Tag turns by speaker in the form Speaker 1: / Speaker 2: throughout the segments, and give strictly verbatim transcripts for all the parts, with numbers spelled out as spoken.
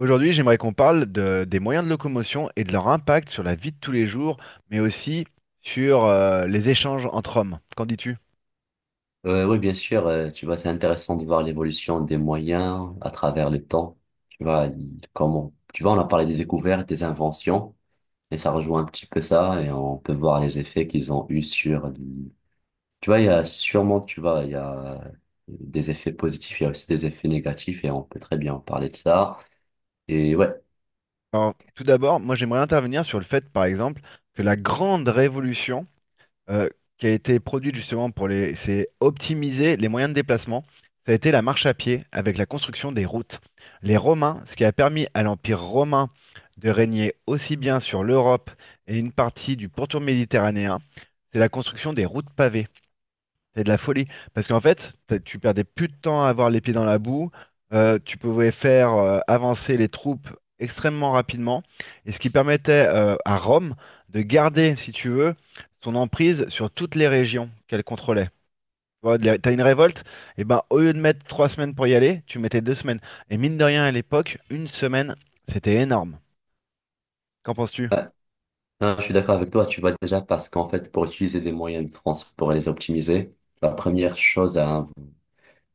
Speaker 1: Aujourd'hui, j'aimerais qu'on parle de- des moyens de locomotion et de leur impact sur la vie de tous les jours, mais aussi sur euh, les échanges entre hommes. Qu'en dis-tu?
Speaker 2: Euh, oui, bien sûr, euh, tu vois, c'est intéressant de voir l'évolution des moyens à travers le temps. Tu vois, il- comment, tu vois, on a parlé des découvertes, des inventions, et ça rejoint un petit peu ça, et on peut voir les effets qu'ils ont eu sur, du- tu vois, il y a sûrement, tu vois, il y a des effets positifs, il y a aussi des effets négatifs, et on peut très bien en parler de ça. Et ouais,
Speaker 1: Alors, tout d'abord, moi j'aimerais intervenir sur le fait, par exemple, que la grande révolution euh, qui a été produite justement pour les, c'est optimiser les moyens de déplacement. Ça a été la marche à pied avec la construction des routes. Les Romains, ce qui a permis à l'Empire romain de régner aussi bien sur l'Europe et une partie du pourtour méditerranéen, c'est la construction des routes pavées. C'est de la folie. Parce qu'en fait, t'as- tu perdais plus de temps à avoir les pieds dans la boue. Euh, tu pouvais faire euh, avancer les troupes extrêmement rapidement. Et ce qui permettait euh, à Rome de garder, si tu veux, son emprise sur toutes les régions qu'elle contrôlait. Tu vois, de la- t'as une révolte, et ben au lieu de mettre trois semaines pour y aller, tu mettais deux semaines. Et mine de rien, à l'époque, une semaine, c'était énorme. Qu'en penses-tu?
Speaker 2: ouais. Non, je suis d'accord avec toi, tu vois, déjà, parce qu'en fait, pour utiliser des moyens de transport et les optimiser, la première chose à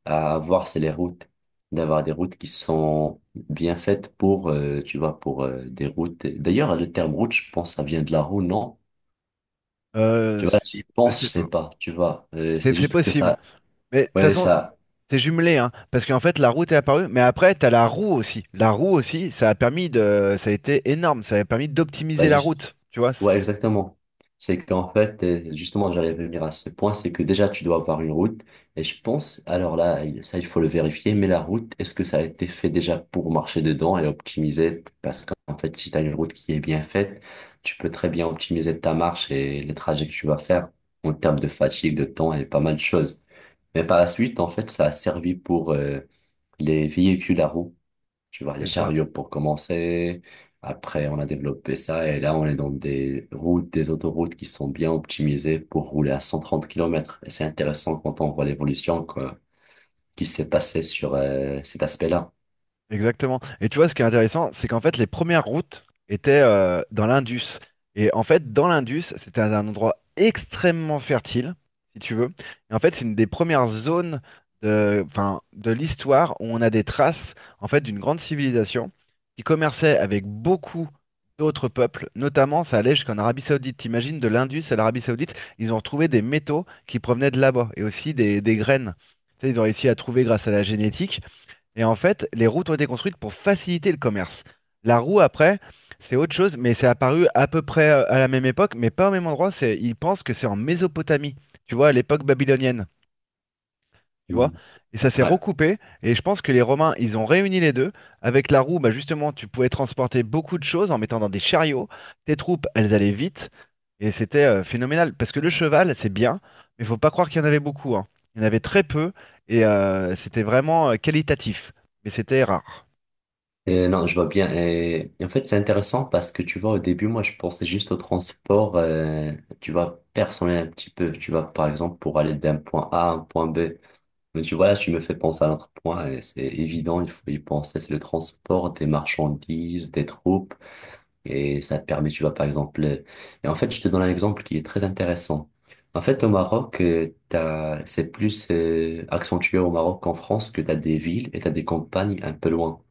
Speaker 2: à avoir, c'est les routes. D'avoir des routes qui sont bien faites pour, euh, tu vois, pour euh, des routes. D'ailleurs, le terme route, je pense, ça vient de la roue, non? Tu
Speaker 1: Euh,
Speaker 2: vois,
Speaker 1: c-
Speaker 2: j'y
Speaker 1: je
Speaker 2: pense,
Speaker 1: sais
Speaker 2: je sais
Speaker 1: pas.
Speaker 2: pas, tu vois. Euh, c'est
Speaker 1: C'est c'est
Speaker 2: juste que
Speaker 1: possible.
Speaker 2: ça,
Speaker 1: Mais de toute
Speaker 2: ouais,
Speaker 1: façon,
Speaker 2: ça,
Speaker 1: c'est jumelé, hein, parce qu'en fait la route est apparue, mais après t'as la roue aussi. La roue aussi, ça a permis de, ça a été énorme, ça a permis
Speaker 2: bah,
Speaker 1: d'optimiser la
Speaker 2: juste.
Speaker 1: route, tu vois. c'est-
Speaker 2: Ouais, exactement. C'est qu'en fait, euh, justement, j'allais venir à ce point, c'est que déjà, tu dois avoir une route. Et je pense, alors là, il- ça, il faut le vérifier, mais la route, est-ce que ça a été fait déjà pour marcher dedans et optimiser? Parce qu'en fait, si tu as une route qui est bien faite, tu peux très bien optimiser ta marche et les trajets que tu vas faire en termes de fatigue, de temps et pas mal de choses. Mais par la suite, en fait, ça a servi pour euh, les véhicules à roues. Tu vois, les
Speaker 1: c'est-
Speaker 2: chariots pour commencer. Après, on a développé ça et là, on est dans des routes, des autoroutes qui sont bien optimisées pour rouler à cent trente kilomètres. Et c'est intéressant quand on voit l'évolution quoi, qui s'est passée sur euh, cet aspect-là.
Speaker 1: Exactement. Et tu vois, ce qui est intéressant, c'est qu'en fait, les premières routes étaient euh, dans l'Indus. Et en fait, dans l'Indus, c'était un endroit extrêmement fertile, si tu veux. Et en fait, c'est une des premières zones de, enfin, de l'histoire où on a des traces, en fait, d'une grande civilisation qui commerçait avec beaucoup d'autres peuples. Notamment, ça allait jusqu'en Arabie Saoudite. T'imagines, de l'Indus à l'Arabie Saoudite, ils ont retrouvé des métaux qui provenaient de là-bas et aussi des, des graines. Tu sais, ils ont réussi à trouver grâce à la génétique. Et en fait, les routes ont été construites pour faciliter le commerce. La roue, après, c'est autre chose, mais c'est apparu à peu près euh, à la même époque, mais pas au même endroit. C'est, ils pensent que c'est en Mésopotamie, tu vois, à l'époque babylonienne, tu vois.
Speaker 2: Mm.
Speaker 1: Et ça s'est
Speaker 2: Ouais.
Speaker 1: recoupé, et je pense que les Romains, ils ont réuni les deux. Avec la roue, bah justement, tu pouvais transporter beaucoup de choses en mettant dans des chariots. Tes troupes, elles allaient vite, et c'était euh, phénoménal. Parce que le cheval, c'est bien, mais faut pas croire qu'il y en avait beaucoup, hein. Il y en avait très peu, et euh, c'était vraiment euh, qualitatif, mais c'était rare.
Speaker 2: Et non, je vois bien. Et en fait, c'est intéressant parce que tu vois, au début, moi, je pensais juste au transport, euh, tu vois, personnel un petit peu. Tu vois, par exemple, pour aller d'un point A à un point B. Mais tu vois, là, tu me fais penser à un autre point, et c'est évident, il faut y penser, c'est le transport des marchandises, des troupes, et ça te permet, tu vois, par exemple, euh, et en fait, je te donne un exemple qui est très intéressant. En fait, au Maroc, euh, t'as, c'est plus euh, accentué au Maroc qu'en France, que t'as des villes et t'as des campagnes un peu loin.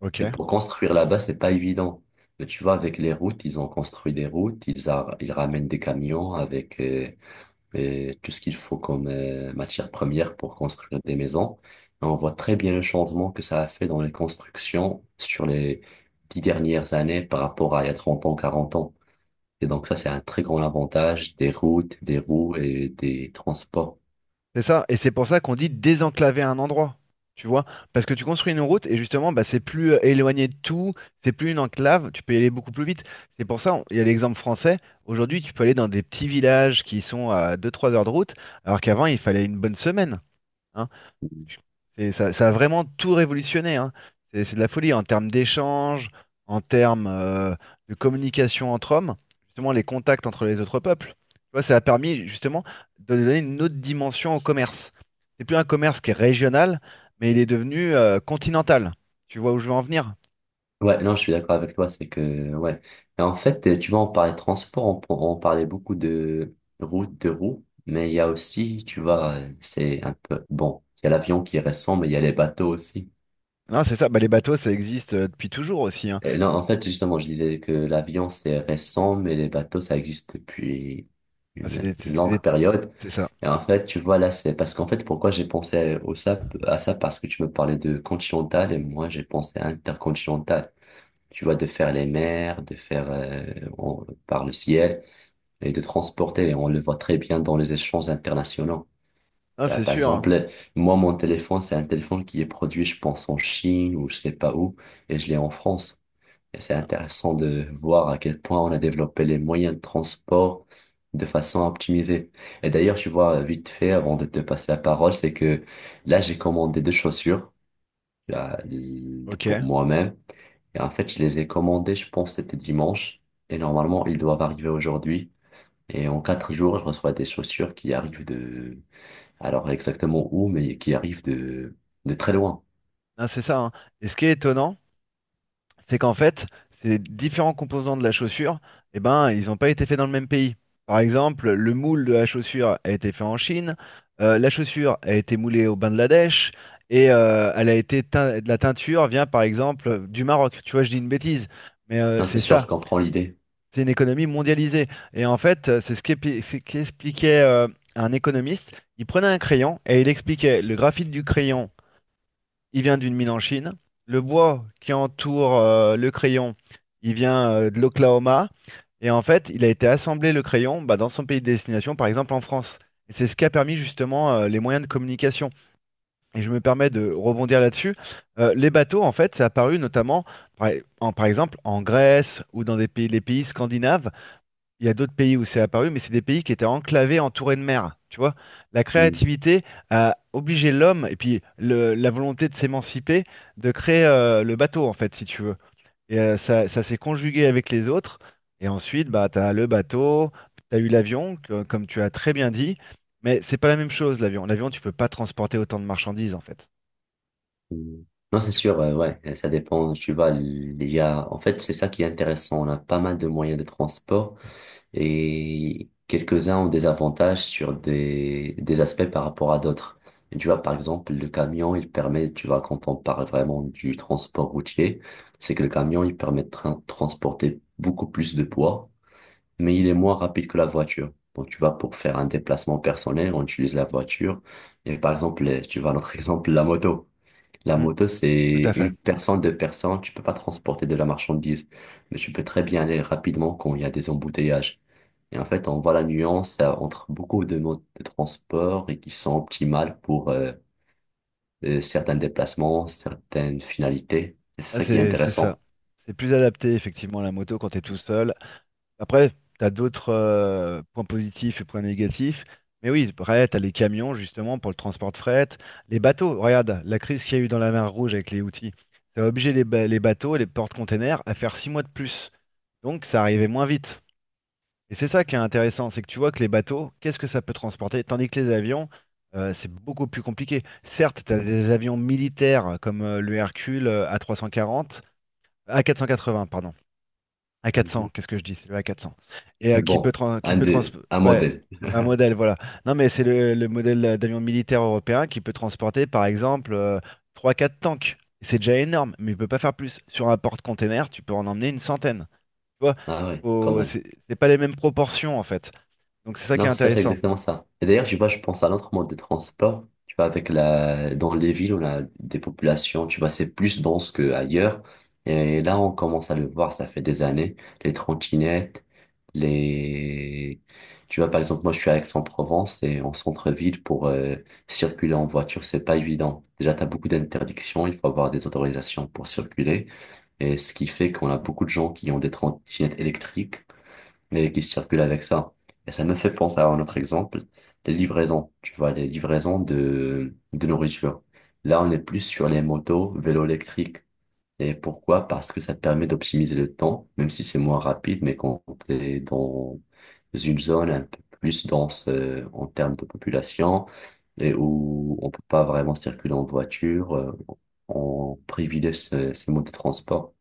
Speaker 1: Ok.
Speaker 2: Et pour construire là-bas, c'est pas évident. Mais tu vois, avec les routes, ils ont construit des routes, ils, a- ils ramènent des camions avec... euh, et tout ce qu'il faut comme euh, matière première pour construire des maisons. Et on voit très bien le changement que ça a fait dans les constructions sur les dix dernières années par rapport à il y a trente ans, quarante ans. Et donc ça, c'est un très grand avantage des routes, des roues et des transports.
Speaker 1: C'est ça, et c'est pour ça qu'on dit désenclaver un endroit, tu vois, parce que tu construis une route et justement, bah, c'est plus euh, éloigné de tout, c'est plus une enclave, tu peux y aller beaucoup plus vite. C'est pour ça, on- il y a l'exemple français, aujourd'hui tu peux aller dans des petits villages qui sont à deux-trois heures de route, alors qu'avant il fallait une bonne semaine, hein. C'est- Ça, ça a vraiment tout révolutionné, hein. C'est c'est de la folie en termes d'échanges, en termes euh, de communication entre hommes, justement les contacts entre les autres peuples. Tu vois, ça a permis justement de donner une autre dimension au commerce. C'est plus un commerce qui est régional, mais il est devenu euh, continental. Tu vois où je veux en venir?
Speaker 2: Ouais, non, je suis d'accord avec toi, c'est que, ouais. Et en fait, tu vois, on parlait de transport, on, on parlait beaucoup de routes, de roues, mais il y a aussi, tu vois, euh, c'est un peu, bon, il y a l'avion qui est récent, mais il y a les bateaux aussi.
Speaker 1: Non, c'est ça. Bah, les bateaux, ça existe euh, depuis toujours aussi, hein.
Speaker 2: Euh, Non, en fait, justement, je disais que l'avion, c'est récent, mais les bateaux, ça existe depuis
Speaker 1: Ah, c'est
Speaker 2: une,
Speaker 1: des-
Speaker 2: une
Speaker 1: c'est
Speaker 2: longue
Speaker 1: des-
Speaker 2: période.
Speaker 1: c'est ça.
Speaker 2: Et en fait, tu vois, là, c'est parce qu'en fait, pourquoi j'ai pensé au ça, à ça, parce que tu me parlais de continental et moi, j'ai pensé à intercontinental. Tu vois, de faire les mers, de faire euh, en- par le ciel et de transporter. Et on le voit très bien dans les échanges internationaux.
Speaker 1: Non,
Speaker 2: Là,
Speaker 1: c'est
Speaker 2: par
Speaker 1: sûr, hein.
Speaker 2: exemple, moi, mon téléphone, c'est un téléphone qui est produit, je pense, en Chine ou je sais pas où, et je l'ai en France. Et c'est intéressant de voir à quel point on a développé les moyens de transport de façon à optimiser. Et d'ailleurs, tu vois, vite fait, avant de te passer la parole, c'est que là, j'ai commandé deux chaussures là, l-
Speaker 1: Ok.
Speaker 2: pour moi-même. Et en fait, je les ai commandées, je pense, c'était dimanche. Et normalement, ils doivent arriver aujourd'hui. Et en quatre jours, je reçois des chaussures qui arrivent de... Alors exactement où, mais qui arrivent de, de très loin.
Speaker 1: Non, c'est ça, hein. Et ce qui est étonnant, c'est qu'en fait, ces différents composants de la chaussure, eh ben, ils n'ont pas été faits dans le même pays. Par exemple, le moule de la chaussure a été fait en Chine, euh, la chaussure a été moulée au Bangladesh, et euh, elle a été teint- de la teinture vient par exemple du Maroc. Tu vois, je dis une bêtise, mais euh,
Speaker 2: Non, c'est
Speaker 1: c'est
Speaker 2: sûr, je
Speaker 1: ça.
Speaker 2: comprends l'idée.
Speaker 1: C'est une économie mondialisée. Et en fait, euh, c'est ce qu'épi- c'est ce qu'expliquait euh, un économiste. Il prenait un crayon et il expliquait le graphite du crayon, il vient d'une mine en Chine. Le bois qui entoure euh, le crayon, il vient euh, de l'Oklahoma. Et en fait, il a été assemblé le crayon bah, dans son pays de destination, par exemple en France. Et c'est ce qui a permis justement euh, les moyens de communication. Et je me permets de rebondir là-dessus. Euh, les bateaux, en fait, c'est apparu notamment, par, e, en- par exemple, en Grèce ou dans des pays, les pays scandinaves. Il y a d'autres pays où c'est apparu, mais c'est des pays qui étaient enclavés, entourés de mer. Tu vois, la
Speaker 2: Hmm.
Speaker 1: créativité a obligé l'homme, et puis le- la volonté de s'émanciper, de créer euh, le bateau, en fait, si tu veux. Et euh, ça, ça s'est conjugué avec les autres. Et ensuite, bah, tu as le bateau, tu as eu l'avion, que- comme tu as très bien dit. Mais c'est pas la même chose, l'avion. L'avion, tu peux pas transporter autant de marchandises, en fait.
Speaker 2: Mm. Non, c'est
Speaker 1: Tu-
Speaker 2: sûr, euh, ouais, euh, ça dépend. Tu vois il y a, en fait, c'est ça qui est intéressant. On a pas mal de moyens de transport et quelques-uns ont des avantages sur des, des aspects par rapport à d'autres. Et tu vois, par exemple, le camion, il permet, tu vois, quand on parle vraiment du transport routier, c'est que le camion, il permet de tra- transporter beaucoup plus de poids, mais il est moins rapide que la voiture. Donc, tu vois, pour faire un déplacement personnel, on utilise la voiture. Et par exemple, les- tu vois, notre exemple, la moto. La
Speaker 1: Mm,
Speaker 2: moto,
Speaker 1: tout à
Speaker 2: c'est
Speaker 1: fait.
Speaker 2: une personne, deux personnes, tu peux pas transporter de la marchandise, mais tu peux très bien aller rapidement quand il y a des embouteillages. Et en fait, on voit la nuance euh, entre beaucoup de modes de transport et qui sont optimales pour euh, euh, certains déplacements, certaines finalités. Et c'est
Speaker 1: Ah,
Speaker 2: ça qui est
Speaker 1: c'est c'est ça.
Speaker 2: intéressant.
Speaker 1: C'est plus adapté, effectivement, à la moto quand tu es tout seul. Après, tu as d'autres euh, points positifs et points négatifs. Mais oui, après, tu as les camions, justement, pour le transport de fret. Les bateaux, regarde, la crise qu'il y a eu dans la mer Rouge avec les outils, ça a obligé les, ba- les bateaux et les porte-containers à faire six mois de plus. Donc, ça arrivait moins vite. Et c'est ça qui est intéressant, c'est que tu vois que les bateaux, qu'est-ce que ça peut transporter? Tandis que les avions, euh, c'est beaucoup plus compliqué. Certes, tu as des avions militaires comme euh, le Hercule euh, A trois cent quarante, A quatre cent quatre-vingts, pardon. A quatre cents,
Speaker 2: Mhm.
Speaker 1: qu'est-ce que je dis? C'est le A quatre cents. Et euh, qui peut,
Speaker 2: Bon,
Speaker 1: trans- qui
Speaker 2: un,
Speaker 1: peut trans-
Speaker 2: des, un
Speaker 1: ouais,
Speaker 2: modèle.
Speaker 1: un modèle, voilà. Non, mais c'est le, le modèle euh, d'avion militaire européen qui peut transporter, par exemple, euh, trois quatre tanks. C'est déjà énorme, mais il peut pas faire plus. Sur un porte-container, tu peux en emmener une centaine. Tu vois,
Speaker 2: Ah ouais, quand
Speaker 1: faut-
Speaker 2: même.
Speaker 1: c'est c'est pas les mêmes proportions, en fait. Donc c'est ça qui
Speaker 2: Non,
Speaker 1: est
Speaker 2: c'est ça, c'est
Speaker 1: intéressant.
Speaker 2: exactement ça. Et d'ailleurs, tu vois, je pense à l'autre mode de transport. Tu vois, avec la, dans les villes, on a des populations, tu vois, c'est plus dense qu'ailleurs. Et là, on commence à le voir, ça fait des années. Les trottinettes, les, tu vois, par exemple, moi, je suis à Aix-en-Provence et en centre-ville pour euh, circuler en voiture, c'est pas évident. Déjà, t'as beaucoup d'interdictions, il faut avoir des autorisations pour circuler. Et ce qui fait qu'on a beaucoup de gens qui ont des trottinettes électriques mais qui circulent avec ça. Et ça me fait penser à un autre exemple, les livraisons, tu vois, les livraisons de, de nourriture. Là, on est plus sur les motos, vélos électriques. Et pourquoi? Parce que ça te permet d'optimiser le temps, même si c'est moins rapide, mais quand t'es dans une zone un peu plus dense euh, en termes de population, et où on peut pas vraiment circuler en voiture, euh, on privilégie ces, ces modes de transport.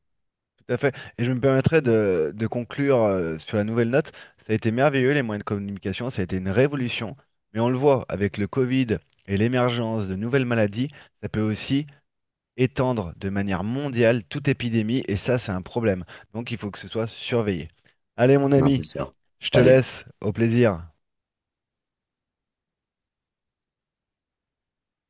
Speaker 1: Tout à fait. Et je me permettrai de, de conclure euh, sur la nouvelle note. Ça a été merveilleux, les moyens de communication, ça a été une révolution. Mais on le voit avec le Covid et l'émergence de nouvelles maladies, ça peut aussi étendre de manière mondiale toute épidémie, et ça, c'est un problème. Donc il faut que ce soit surveillé. Allez, mon
Speaker 2: Non,
Speaker 1: ami,
Speaker 2: c'est sûr.
Speaker 1: je te
Speaker 2: Salut.
Speaker 1: laisse, au plaisir.